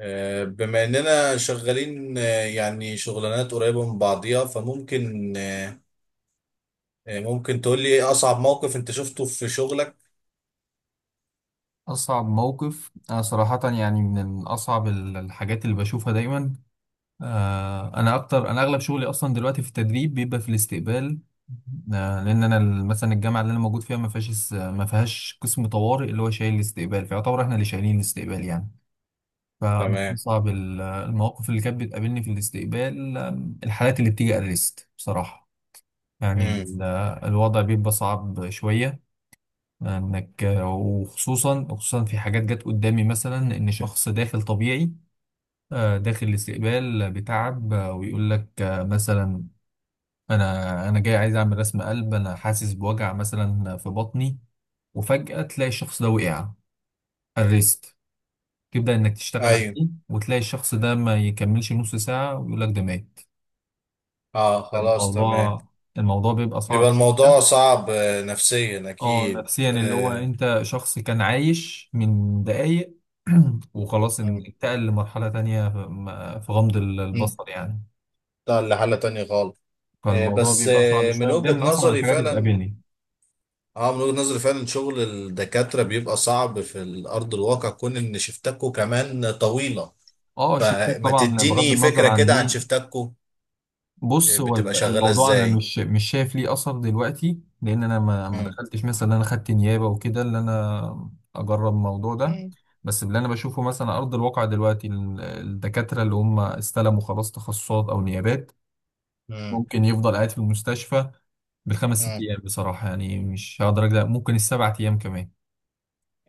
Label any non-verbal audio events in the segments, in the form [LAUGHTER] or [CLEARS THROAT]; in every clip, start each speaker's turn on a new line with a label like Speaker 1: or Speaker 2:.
Speaker 1: بما اننا شغالين يعني شغلانات قريبة من بعضيها فممكن آه، آه، ممكن تقول لي ايه اصعب موقف انت شفته في شغلك؟
Speaker 2: أصعب موقف أنا صراحة من أصعب الحاجات اللي بشوفها دايما. أنا أكتر، أنا أغلب شغلي أصلا دلوقتي في التدريب بيبقى في الاستقبال. لأن أنا مثلا الجامعة اللي أنا موجود فيها ما فيهاش ما فيهاش قسم طوارئ اللي هو شايل الاستقبال، فيعتبر إحنا اللي شايلين الاستقبال يعني. فمن
Speaker 1: تمام.
Speaker 2: أصعب المواقف اللي كانت بتقابلني في الاستقبال الحالات اللي بتيجي أريست بصراحة. يعني
Speaker 1: امم.
Speaker 2: الوضع بيبقى صعب شوية، انك، وخصوصا وخصوصا في حاجات جت قدامي مثلا ان شخص داخل طبيعي، داخل الاستقبال بتعب، ويقول لك مثلا انا جاي عايز اعمل رسم قلب، انا حاسس بوجع مثلا في بطني. وفجأة تلاقي الشخص ده وقع على الريست، تبدأ انك تشتغل
Speaker 1: ايوه.
Speaker 2: عليه وتلاقي الشخص ده ما يكملش نص ساعة ويقول لك ده مات.
Speaker 1: اه، خلاص، تمام.
Speaker 2: الموضوع الموضوع بيبقى
Speaker 1: بيبقى
Speaker 2: صعب
Speaker 1: الموضوع
Speaker 2: شوية.
Speaker 1: صعب نفسيا
Speaker 2: اه
Speaker 1: اكيد
Speaker 2: نفسيا، اللي هو انت شخص كان عايش من دقايق [CLEARS THROAT] وخلاص
Speaker 1: مم،
Speaker 2: انتقل لمرحلة تانية في في غمض
Speaker 1: مم.
Speaker 2: البصر يعني.
Speaker 1: ده لحالة تانية خالص.
Speaker 2: فالموضوع
Speaker 1: بس
Speaker 2: بيبقى صعب
Speaker 1: من
Speaker 2: شوية، ده من
Speaker 1: وجهة
Speaker 2: أصعب
Speaker 1: نظري
Speaker 2: الحاجات اللي
Speaker 1: فعلا.
Speaker 2: بتقابلني.
Speaker 1: اه من وجهة نظري فعلا شغل الدكاترة بيبقى صعب في الارض الواقع كون ان شفتكوا كمان طويلة.
Speaker 2: اه شيفتات
Speaker 1: ما
Speaker 2: طبعا بغض
Speaker 1: تديني
Speaker 2: النظر
Speaker 1: فكرة
Speaker 2: عن
Speaker 1: كده عن
Speaker 2: دي.
Speaker 1: شفتاتكو. إيه،
Speaker 2: بص، هو
Speaker 1: بتبقى شغالة
Speaker 2: الموضوع أنا
Speaker 1: ازاي؟
Speaker 2: مش شايف ليه أثر دلوقتي، لأن أنا ما
Speaker 1: مم.
Speaker 2: دخلتش مثلا إن أنا خدت نيابة وكده اللي أنا أجرب الموضوع ده.
Speaker 1: مم.
Speaker 2: بس اللي أنا بشوفه مثلا على أرض الواقع دلوقتي الدكاترة اللي هم استلموا خلاص تخصصات أو نيابات
Speaker 1: مم.
Speaker 2: ممكن يفضل قاعد في المستشفى بالخمس ست
Speaker 1: مم.
Speaker 2: ايام، بصراحه يعني مش هقدر اجزع، ممكن السبع ايام كمان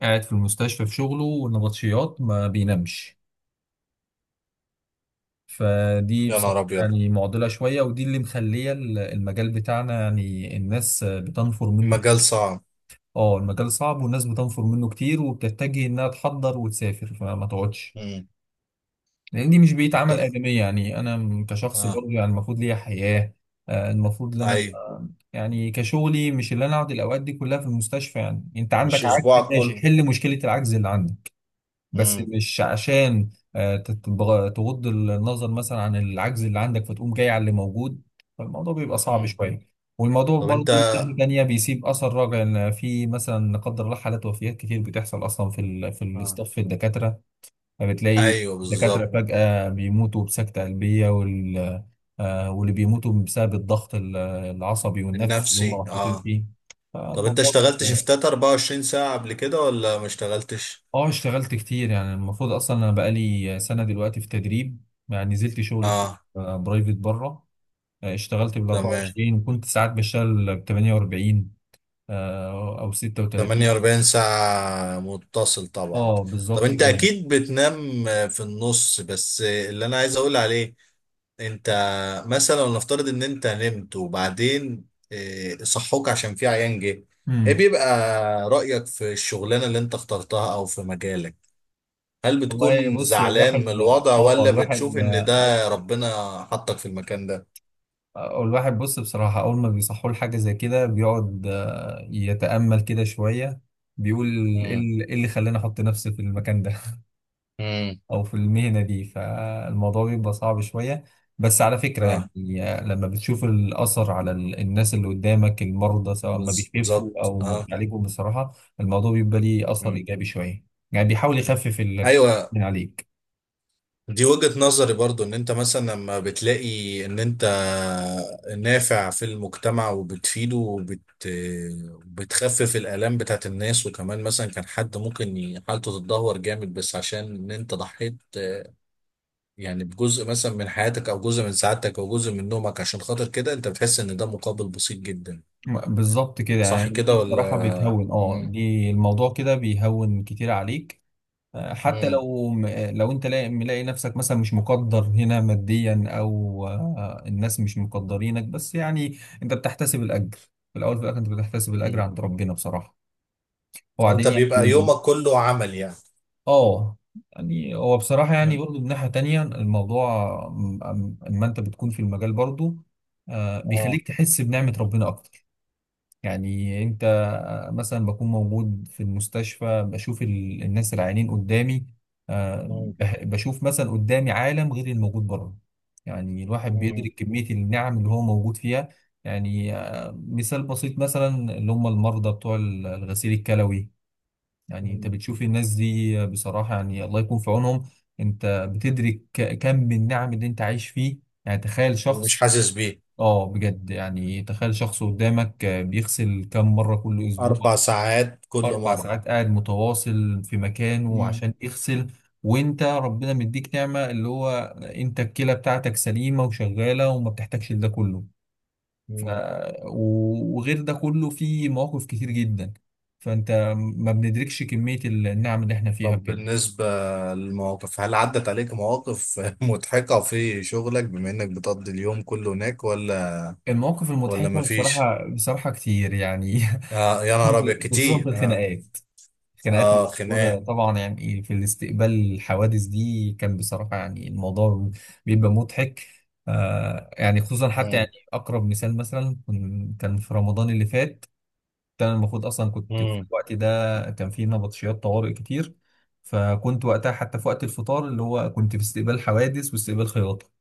Speaker 2: قاعد في المستشفى في شغله، والنبطشيات ما بينامش. فدي
Speaker 1: يا
Speaker 2: بصراحه
Speaker 1: نهار ابيض.
Speaker 2: يعني معضله شويه، ودي اللي مخليه المجال بتاعنا يعني الناس بتنفر منه.
Speaker 1: مجال صعب.
Speaker 2: اه المجال صعب والناس بتنفر منه كتير، وبتتجه انها تحضر وتسافر فما تقعدش،
Speaker 1: مم.
Speaker 2: لان دي مش بيتعمل
Speaker 1: الط-
Speaker 2: ادميه. يعني انا كشخص
Speaker 1: اه،
Speaker 2: برضه يعني المفروض ليا حياه. المفروض ان انا
Speaker 1: ايوه.
Speaker 2: أبقى- يعني كشغلي، مش اللي انا اقعد الاوقات دي كلها في المستشفى. يعني انت عندك
Speaker 1: مش
Speaker 2: عجز،
Speaker 1: اسبوعك
Speaker 2: ماشي،
Speaker 1: كله.
Speaker 2: حل مشكله العجز اللي عندك، بس
Speaker 1: مم.
Speaker 2: مش عشان تغض النظر مثلا عن العجز اللي عندك فتقوم جاي على اللي موجود. فالموضوع بيبقى صعب
Speaker 1: مم.
Speaker 2: شويه. والموضوع
Speaker 1: طب انت.
Speaker 2: برضه من ناحيه تانيه بيسيب اثر راجع، ان في مثلا لا قدر الله حالات وفيات كتير بتحصل اصلا في ال في
Speaker 1: آه.
Speaker 2: الاستاف في الدكاتره، فبتلاقي
Speaker 1: ايوه
Speaker 2: الدكاترة
Speaker 1: بالظبط.
Speaker 2: فجأة بيموتوا بسكتة قلبية واللي بيموتوا بسبب الضغط العصبي والنفسي اللي هم
Speaker 1: النفسي
Speaker 2: محطوطين
Speaker 1: اه.
Speaker 2: فيه.
Speaker 1: طب انت
Speaker 2: فالموضوع
Speaker 1: اشتغلت
Speaker 2: بيبقى-
Speaker 1: شفتات 24 ساعة قبل كده ولا ما اشتغلتش؟
Speaker 2: اه اشتغلت كتير، يعني المفروض اصلا انا بقالي سنة دلوقتي في تدريب، يعني نزلت شغل كتير.
Speaker 1: اه،
Speaker 2: برايفت بره. اشتغلت بال
Speaker 1: تمام.
Speaker 2: 24، وكنت ساعات بشتغل ب 48، او 36.
Speaker 1: 48 ساعة متصل طبعا.
Speaker 2: اه
Speaker 1: طب
Speaker 2: بالظبط
Speaker 1: انت
Speaker 2: كده.
Speaker 1: اكيد بتنام في النص، بس اللي انا عايز اقول عليه انت مثلا نفترض ان انت نمت وبعدين صحوك عشان في عيان جه. ايه
Speaker 2: مم.
Speaker 1: بيبقى رأيك في الشغلانة اللي انت اخترتها او في مجالك؟ هل
Speaker 2: والله
Speaker 1: بتكون
Speaker 2: بص،
Speaker 1: زعلان من
Speaker 2: الواحد،
Speaker 1: الوضع
Speaker 2: اه
Speaker 1: ولا
Speaker 2: الواحد،
Speaker 1: بتشوف ان ده ربنا حطك في المكان ده؟
Speaker 2: والواحد بص بصراحة أول ما بيصحوا له حاجة زي كده بيقعد يتأمل كده شوية، بيقول إيه
Speaker 1: امم.
Speaker 2: إيه اللي خلاني أحط نفسي في المكان ده
Speaker 1: امم.
Speaker 2: [LAUGHS] أو في المهنة دي؟ فالموضوع بيبقى صعب شوية. بس على فكرة
Speaker 1: اه
Speaker 2: يعني لما بتشوف الأثر على الناس اللي قدامك، المرضى سواء ما بيخفوا
Speaker 1: بالظبط
Speaker 2: أو ما
Speaker 1: اه.
Speaker 2: بيعالجوا، بصراحة الموضوع بيبقى ليه أثر
Speaker 1: مم.
Speaker 2: إيجابي شوية. يعني بيحاول يخفف الحمل
Speaker 1: ايوه.
Speaker 2: من عليك.
Speaker 1: دي وجهة نظري برضو ان انت مثلا لما بتلاقي ان انت نافع في المجتمع وبتفيده بتخفف الآلام بتاعت الناس، وكمان مثلا كان حد ممكن حالته تتدهور جامد بس عشان ان انت ضحيت. يعني بجزء مثلا من حياتك او جزء من سعادتك او جزء من نومك، عشان خاطر كده انت بتحس ان ده مقابل بسيط جدا.
Speaker 2: بالظبط كده،
Speaker 1: صح
Speaker 2: يعني دي
Speaker 1: كده
Speaker 2: بصراحة
Speaker 1: ولا؟
Speaker 2: بتهون. اه
Speaker 1: مم.
Speaker 2: دي الموضوع كده بيهون كتير عليك، حتى
Speaker 1: مم.
Speaker 2: لو، لو انت ملاقي نفسك مثلا مش مقدر هنا ماديا او الناس مش مقدرينك، بس يعني انت بتحتسب الاجر. في الاول وفي الاخر انت بتحتسب الاجر
Speaker 1: مم.
Speaker 2: عند ربنا بصراحه.
Speaker 1: فانت
Speaker 2: وبعدين يعني
Speaker 1: بيبقى يومك كله عمل يعني.
Speaker 2: اه. يعني هو بصراحه يعني
Speaker 1: من-
Speaker 2: برضو من ناحيه تانية الموضوع اما انت بتكون في المجال برضو
Speaker 1: اه.
Speaker 2: بيخليك تحس بنعمه ربنا اكتر. يعني انت مثلا بكون موجود في المستشفى بشوف الناس العيانين قدامي،
Speaker 1: مم.
Speaker 2: بشوف مثلا قدامي عالم غير الموجود بره. يعني الواحد
Speaker 1: مم.
Speaker 2: بيدرك كمية النعم اللي هو موجود فيها. يعني مثال بسيط مثلا اللي هم المرضى بتوع الغسيل الكلوي. يعني انت
Speaker 1: مم.
Speaker 2: بتشوف الناس دي بصراحة، يعني الله يكون في عونهم. انت بتدرك كم من النعم اللي انت عايش فيه. يعني تخيل
Speaker 1: ومش
Speaker 2: شخص،
Speaker 1: حاسس بيه.
Speaker 2: اه بجد، يعني تخيل شخص قدامك بيغسل كم مرة كل أسبوع؟
Speaker 1: 4 ساعات كل
Speaker 2: أربع
Speaker 1: مرة.
Speaker 2: ساعات قاعد متواصل في مكانه
Speaker 1: مم.
Speaker 2: عشان يغسل، وأنت ربنا مديك نعمة اللي هو أنت الكلى بتاعتك سليمة وشغالة وما بتحتاجش لده كله. ف...
Speaker 1: مم.
Speaker 2: وغير ده كله في مواقف كتير جدا، فأنت ما بندركش كمية النعم اللي احنا فيها
Speaker 1: طب
Speaker 2: بجد.
Speaker 1: بالنسبة للمواقف، هل عدت عليك مواقف [LAUGHS] مضحكة في شغلك بما إنك بتقضي اليوم كله هناك ولا؟
Speaker 2: المواقف
Speaker 1: ولا
Speaker 2: المضحكة
Speaker 1: مفيش؟
Speaker 2: بصراحة، كتير يعني
Speaker 1: آه، يا نهار أبيض
Speaker 2: [LAUGHS] خصوصا
Speaker 1: كتير
Speaker 2: في
Speaker 1: آه.
Speaker 2: الخناقات. الخناقات اللي
Speaker 1: آه،
Speaker 2: موجودة
Speaker 1: خناقة.
Speaker 2: طبعا يعني في الاستقبال، الحوادث دي كان بصراحة يعني الموضوع بيبقى مضحك. آه يعني خصوصا حتى
Speaker 1: مم.
Speaker 2: يعني أقرب مثال مثلا كان في رمضان اللي فات، كان المفروض أصلا كنت في
Speaker 1: مم.
Speaker 2: الوقت ده كان في نبطشيات طوارئ كتير. فكنت وقتها حتى في وقت الفطار اللي هو كنت في استقبال حوادث واستقبال خياطة،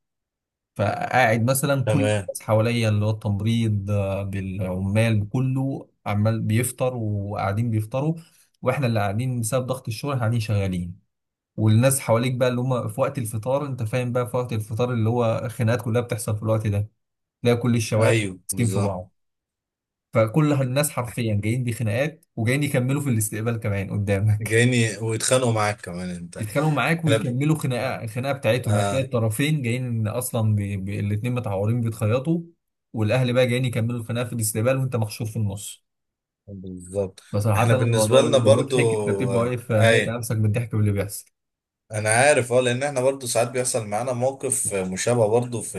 Speaker 2: فقاعد مثلا كل
Speaker 1: تمام.
Speaker 2: الناس حواليا اللي هو التمريض بالعمال كله، عمال بيفطر وقاعدين بيفطروا، واحنا اللي قاعدين بسبب ضغط الشغل قاعدين شغالين. والناس حواليك بقى اللي هم في وقت الفطار، انت فاهم بقى، في وقت الفطار اللي هو خناقات كلها بتحصل في الوقت ده. تلاقي كل الشوارع
Speaker 1: أيوه
Speaker 2: ماسكين في
Speaker 1: بالظبط.
Speaker 2: بعض، فكل الناس حرفيا جايين بخناقات وجايين يكملوا في الاستقبال كمان قدامك.
Speaker 1: جايني ويتخانقوا معاك كمان أنت؟
Speaker 2: يتخانقوا معاك
Speaker 1: إحنا ب-
Speaker 2: ويكملوا
Speaker 1: آه.
Speaker 2: الخناقه بتاعتهم، يعني هتلاقي
Speaker 1: آه،
Speaker 2: الطرفين جايين اصلا بي... بي... الاتنين متعورين بيتخيطوا، والاهل بقى جايين يكملوا الخناقه في الاستقبال وانت محشور في النص.
Speaker 1: بالظبط.
Speaker 2: بصراحه
Speaker 1: إحنا
Speaker 2: الموضوع
Speaker 1: بالنسبة لنا
Speaker 2: بيبقى
Speaker 1: برضو.
Speaker 2: مضحك، انت بتبقى
Speaker 1: آه،
Speaker 2: واقف ميت على
Speaker 1: أيوه.
Speaker 2: نفسك بالضحك باللي بيحصل.
Speaker 1: انا عارف، لان احنا برضو ساعات بيحصل معانا موقف مشابه برضو في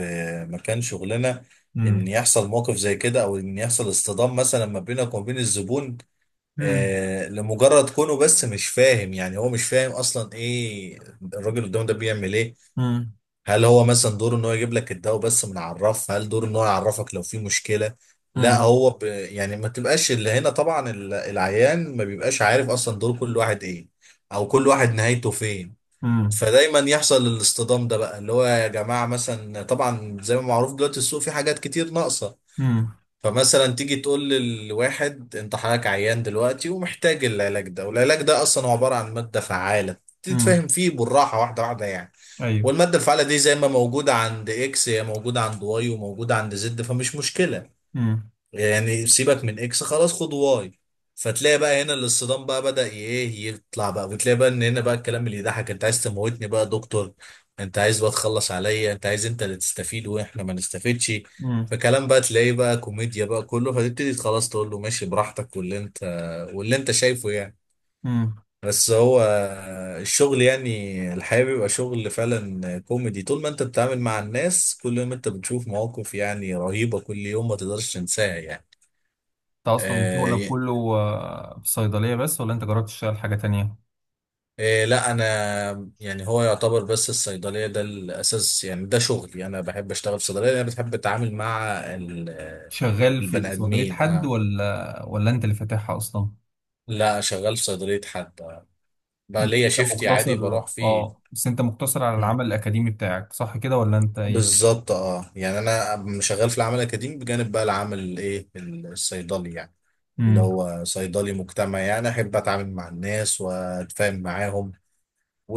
Speaker 1: مكان شغلنا. ان
Speaker 2: امم،
Speaker 1: يحصل موقف زي كده او ان يحصل اصطدام مثلا ما بينك وما بين الزبون.
Speaker 2: امم،
Speaker 1: لمجرد كونه بس مش فاهم، يعني هو مش فاهم اصلا ايه الراجل قدامه ده بيعمل ايه.
Speaker 2: امم،
Speaker 1: هل هو مثلا دوره ان هو يجيب لك الدواء بس، من عرف؟ هل دوره ان هو يعرفك لو في مشكلة؟ لا
Speaker 2: امم،
Speaker 1: هو يعني ما تبقاش اللي هنا طبعا العيان ما بيبقاش عارف اصلا دور كل واحد ايه. او كل واحد نهايته فين.
Speaker 2: امم،
Speaker 1: فدايما يحصل الاصطدام ده بقى، اللي هو يا جماعة مثلا طبعا زي ما معروف دلوقتي السوق فيه حاجات كتير ناقصة.
Speaker 2: امم،
Speaker 1: فمثلا تيجي تقول للواحد انت حضرتك عيان دلوقتي ومحتاج العلاج ده، والعلاج ده اصلا هو عبارة عن مادة فعالة.
Speaker 2: امم،
Speaker 1: تتفهم فيه بالراحة واحدة واحدة يعني.
Speaker 2: ايوه،
Speaker 1: والمادة الفعالة دي زي ما موجودة عند اكس هي موجودة عند واي وموجودة عند زد فمش مشكلة.
Speaker 2: امم،
Speaker 1: يعني سيبك من اكس خلاص، خد واي. فتلاقي بقى هنا الاصطدام بقى بدأ ايه يطلع بقى، وتلاقي بقى ان هنا بقى الكلام اللي يضحك، انت عايز تموتني بقى يا دكتور؟ انت عايز بقى تخلص عليا؟ انت عايز انت اللي تستفيد واحنا ما نستفيدش؟
Speaker 2: امم،
Speaker 1: فكلام بقى تلاقيه بقى كوميديا بقى كله، فتبتدي خلاص تقول له ماشي براحتك واللي انت شايفه يعني.
Speaker 2: امم.
Speaker 1: بس هو الشغل يعني الحقيقة بيبقى شغل فعلا كوميدي. طول ما انت بتتعامل مع الناس كل يوم انت بتشوف مواقف يعني رهيبة كل يوم ما تقدرش تنساها يعني.
Speaker 2: انت اصلا شغلك
Speaker 1: آه.
Speaker 2: كله في الصيدليه بس، ولا انت جربت تشتغل حاجه تانية؟
Speaker 1: لا انا. يعني هو يعتبر بس الصيدليه ده الاساس يعني ده شغلي، انا بحب اشتغل في صيدليه، انا بتحب اتعامل مع ال- آه،
Speaker 2: شغال في
Speaker 1: البني
Speaker 2: صيدليه
Speaker 1: ادمين
Speaker 2: حد
Speaker 1: اه.
Speaker 2: ولا انت اللي فاتحها اصلا؟
Speaker 1: لا، شغال في صيدليه حد آه. بقى
Speaker 2: بس
Speaker 1: ليا
Speaker 2: انت
Speaker 1: شيفتي عادي
Speaker 2: مقتصر
Speaker 1: بروح فيه.
Speaker 2: اه بس انت مقتصر على
Speaker 1: مم.
Speaker 2: العمل الاكاديمي بتاعك صح كده ولا انت ايه؟
Speaker 1: بالظبط اه، يعني انا شغال في العمل الاكاديمي بجانب بقى العمل الايه الصيدلي يعني. اللي
Speaker 2: امم.
Speaker 1: هو صيدلي مجتمعي، يعني احب اتعامل مع الناس واتفاهم معاهم.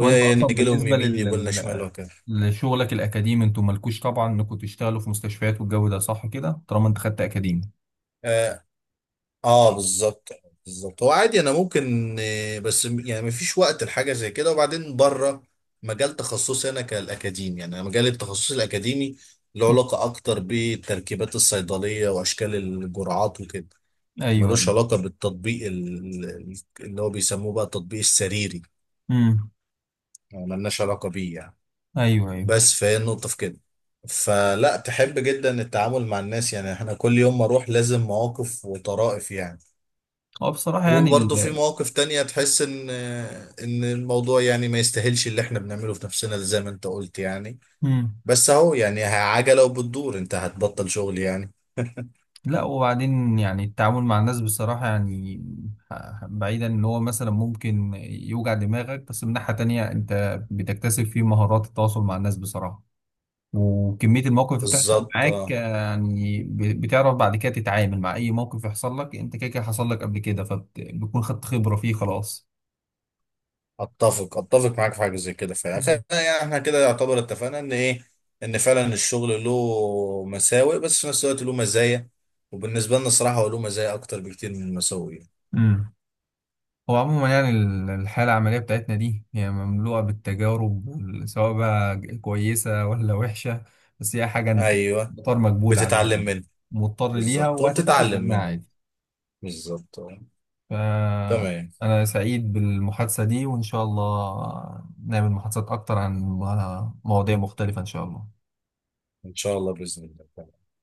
Speaker 2: وانت اصلا
Speaker 1: لهم
Speaker 2: بالنسبه
Speaker 1: يمين
Speaker 2: لل...
Speaker 1: يقول لنا شمال وكده.
Speaker 2: لشغلك الاكاديمي انتوا مالكوش طبعا انكم تشتغلوا في مستشفيات والجو ده، صح كده طالما انت خدت اكاديمي؟
Speaker 1: اه بالظبط. بالظبط، هو عادي انا ممكن بس يعني مفيش وقت لحاجه زي كده، وبعدين بره. مجال تخصصي انا كالاكاديمي، يعني أنا مجال التخصص الاكاديمي له
Speaker 2: مم.
Speaker 1: علاقه اكتر بالتركيبات الصيدليه واشكال الجرعات وكده.
Speaker 2: ايوه.
Speaker 1: ملوش علاقه بالتطبيق اللي هو بيسموه بقى التطبيق السريري.
Speaker 2: امم.
Speaker 1: يعني ملناش علاقه بيه يعني.
Speaker 2: ايوه.
Speaker 1: بس فهي النقطه في كده. فلا، تحب جدا التعامل مع الناس، يعني احنا كل يوم ما اروح لازم مواقف وطرائف يعني.
Speaker 2: هو بصراحه يعني
Speaker 1: وبرضه في
Speaker 2: ال...
Speaker 1: مواقف تانية تحس ان الموضوع يعني ما يستاهلش اللي احنا بنعمله في نفسنا، زي ما انت قلت يعني.
Speaker 2: مم.
Speaker 1: بس اهو يعني عجلة وبتدور، انت هتبطل شغل يعني؟
Speaker 2: لا، وبعدين يعني التعامل مع الناس بصراحه يعني بعيدا ان هو مثلا ممكن يوجع دماغك، بس من ناحيه تانية انت بتكتسب فيه مهارات التواصل مع الناس بصراحه. وكمية المواقف اللي بتحصل
Speaker 1: بالظبط
Speaker 2: معاك
Speaker 1: اه.
Speaker 2: يعني بتعرف بعد كده تتعامل مع أي موقف يحصل لك. أنت كده كده حصل لك قبل كده فبتكون خدت خبرة فيه خلاص.
Speaker 1: اتفق اتفق معاك في حاجة زي كده فعلا
Speaker 2: مم.
Speaker 1: يعني احنا كده يعتبر اتفقنا ان ايه. ان فعلا الشغل له مساوئ بس في نفس الوقت له مزايا. وبالنسبة لنا الصراحة هو له مزايا اكتر بكتير من المساوئ يعني.
Speaker 2: امم. هو عموما يعني الحالة العملية بتاعتنا دي هي مملوءة بالتجارب سواء بقى كويسة ولا وحشة، بس هي حاجة أنت
Speaker 1: ايوه.
Speaker 2: مضطر مقبول عليها،
Speaker 1: بتتعلم
Speaker 2: يعني
Speaker 1: منه.
Speaker 2: مضطر ليها
Speaker 1: بالظبط
Speaker 2: وهتتعلم
Speaker 1: وبتتعلم
Speaker 2: منها
Speaker 1: منه.
Speaker 2: عادي.
Speaker 1: بالظبط آه. تمام.
Speaker 2: فأنا سعيد بالمحادثة دي، وإن شاء الله نعمل محادثات أكتر عن مواضيع مختلفة إن شاء الله.
Speaker 1: ان شاء الله باذن الله.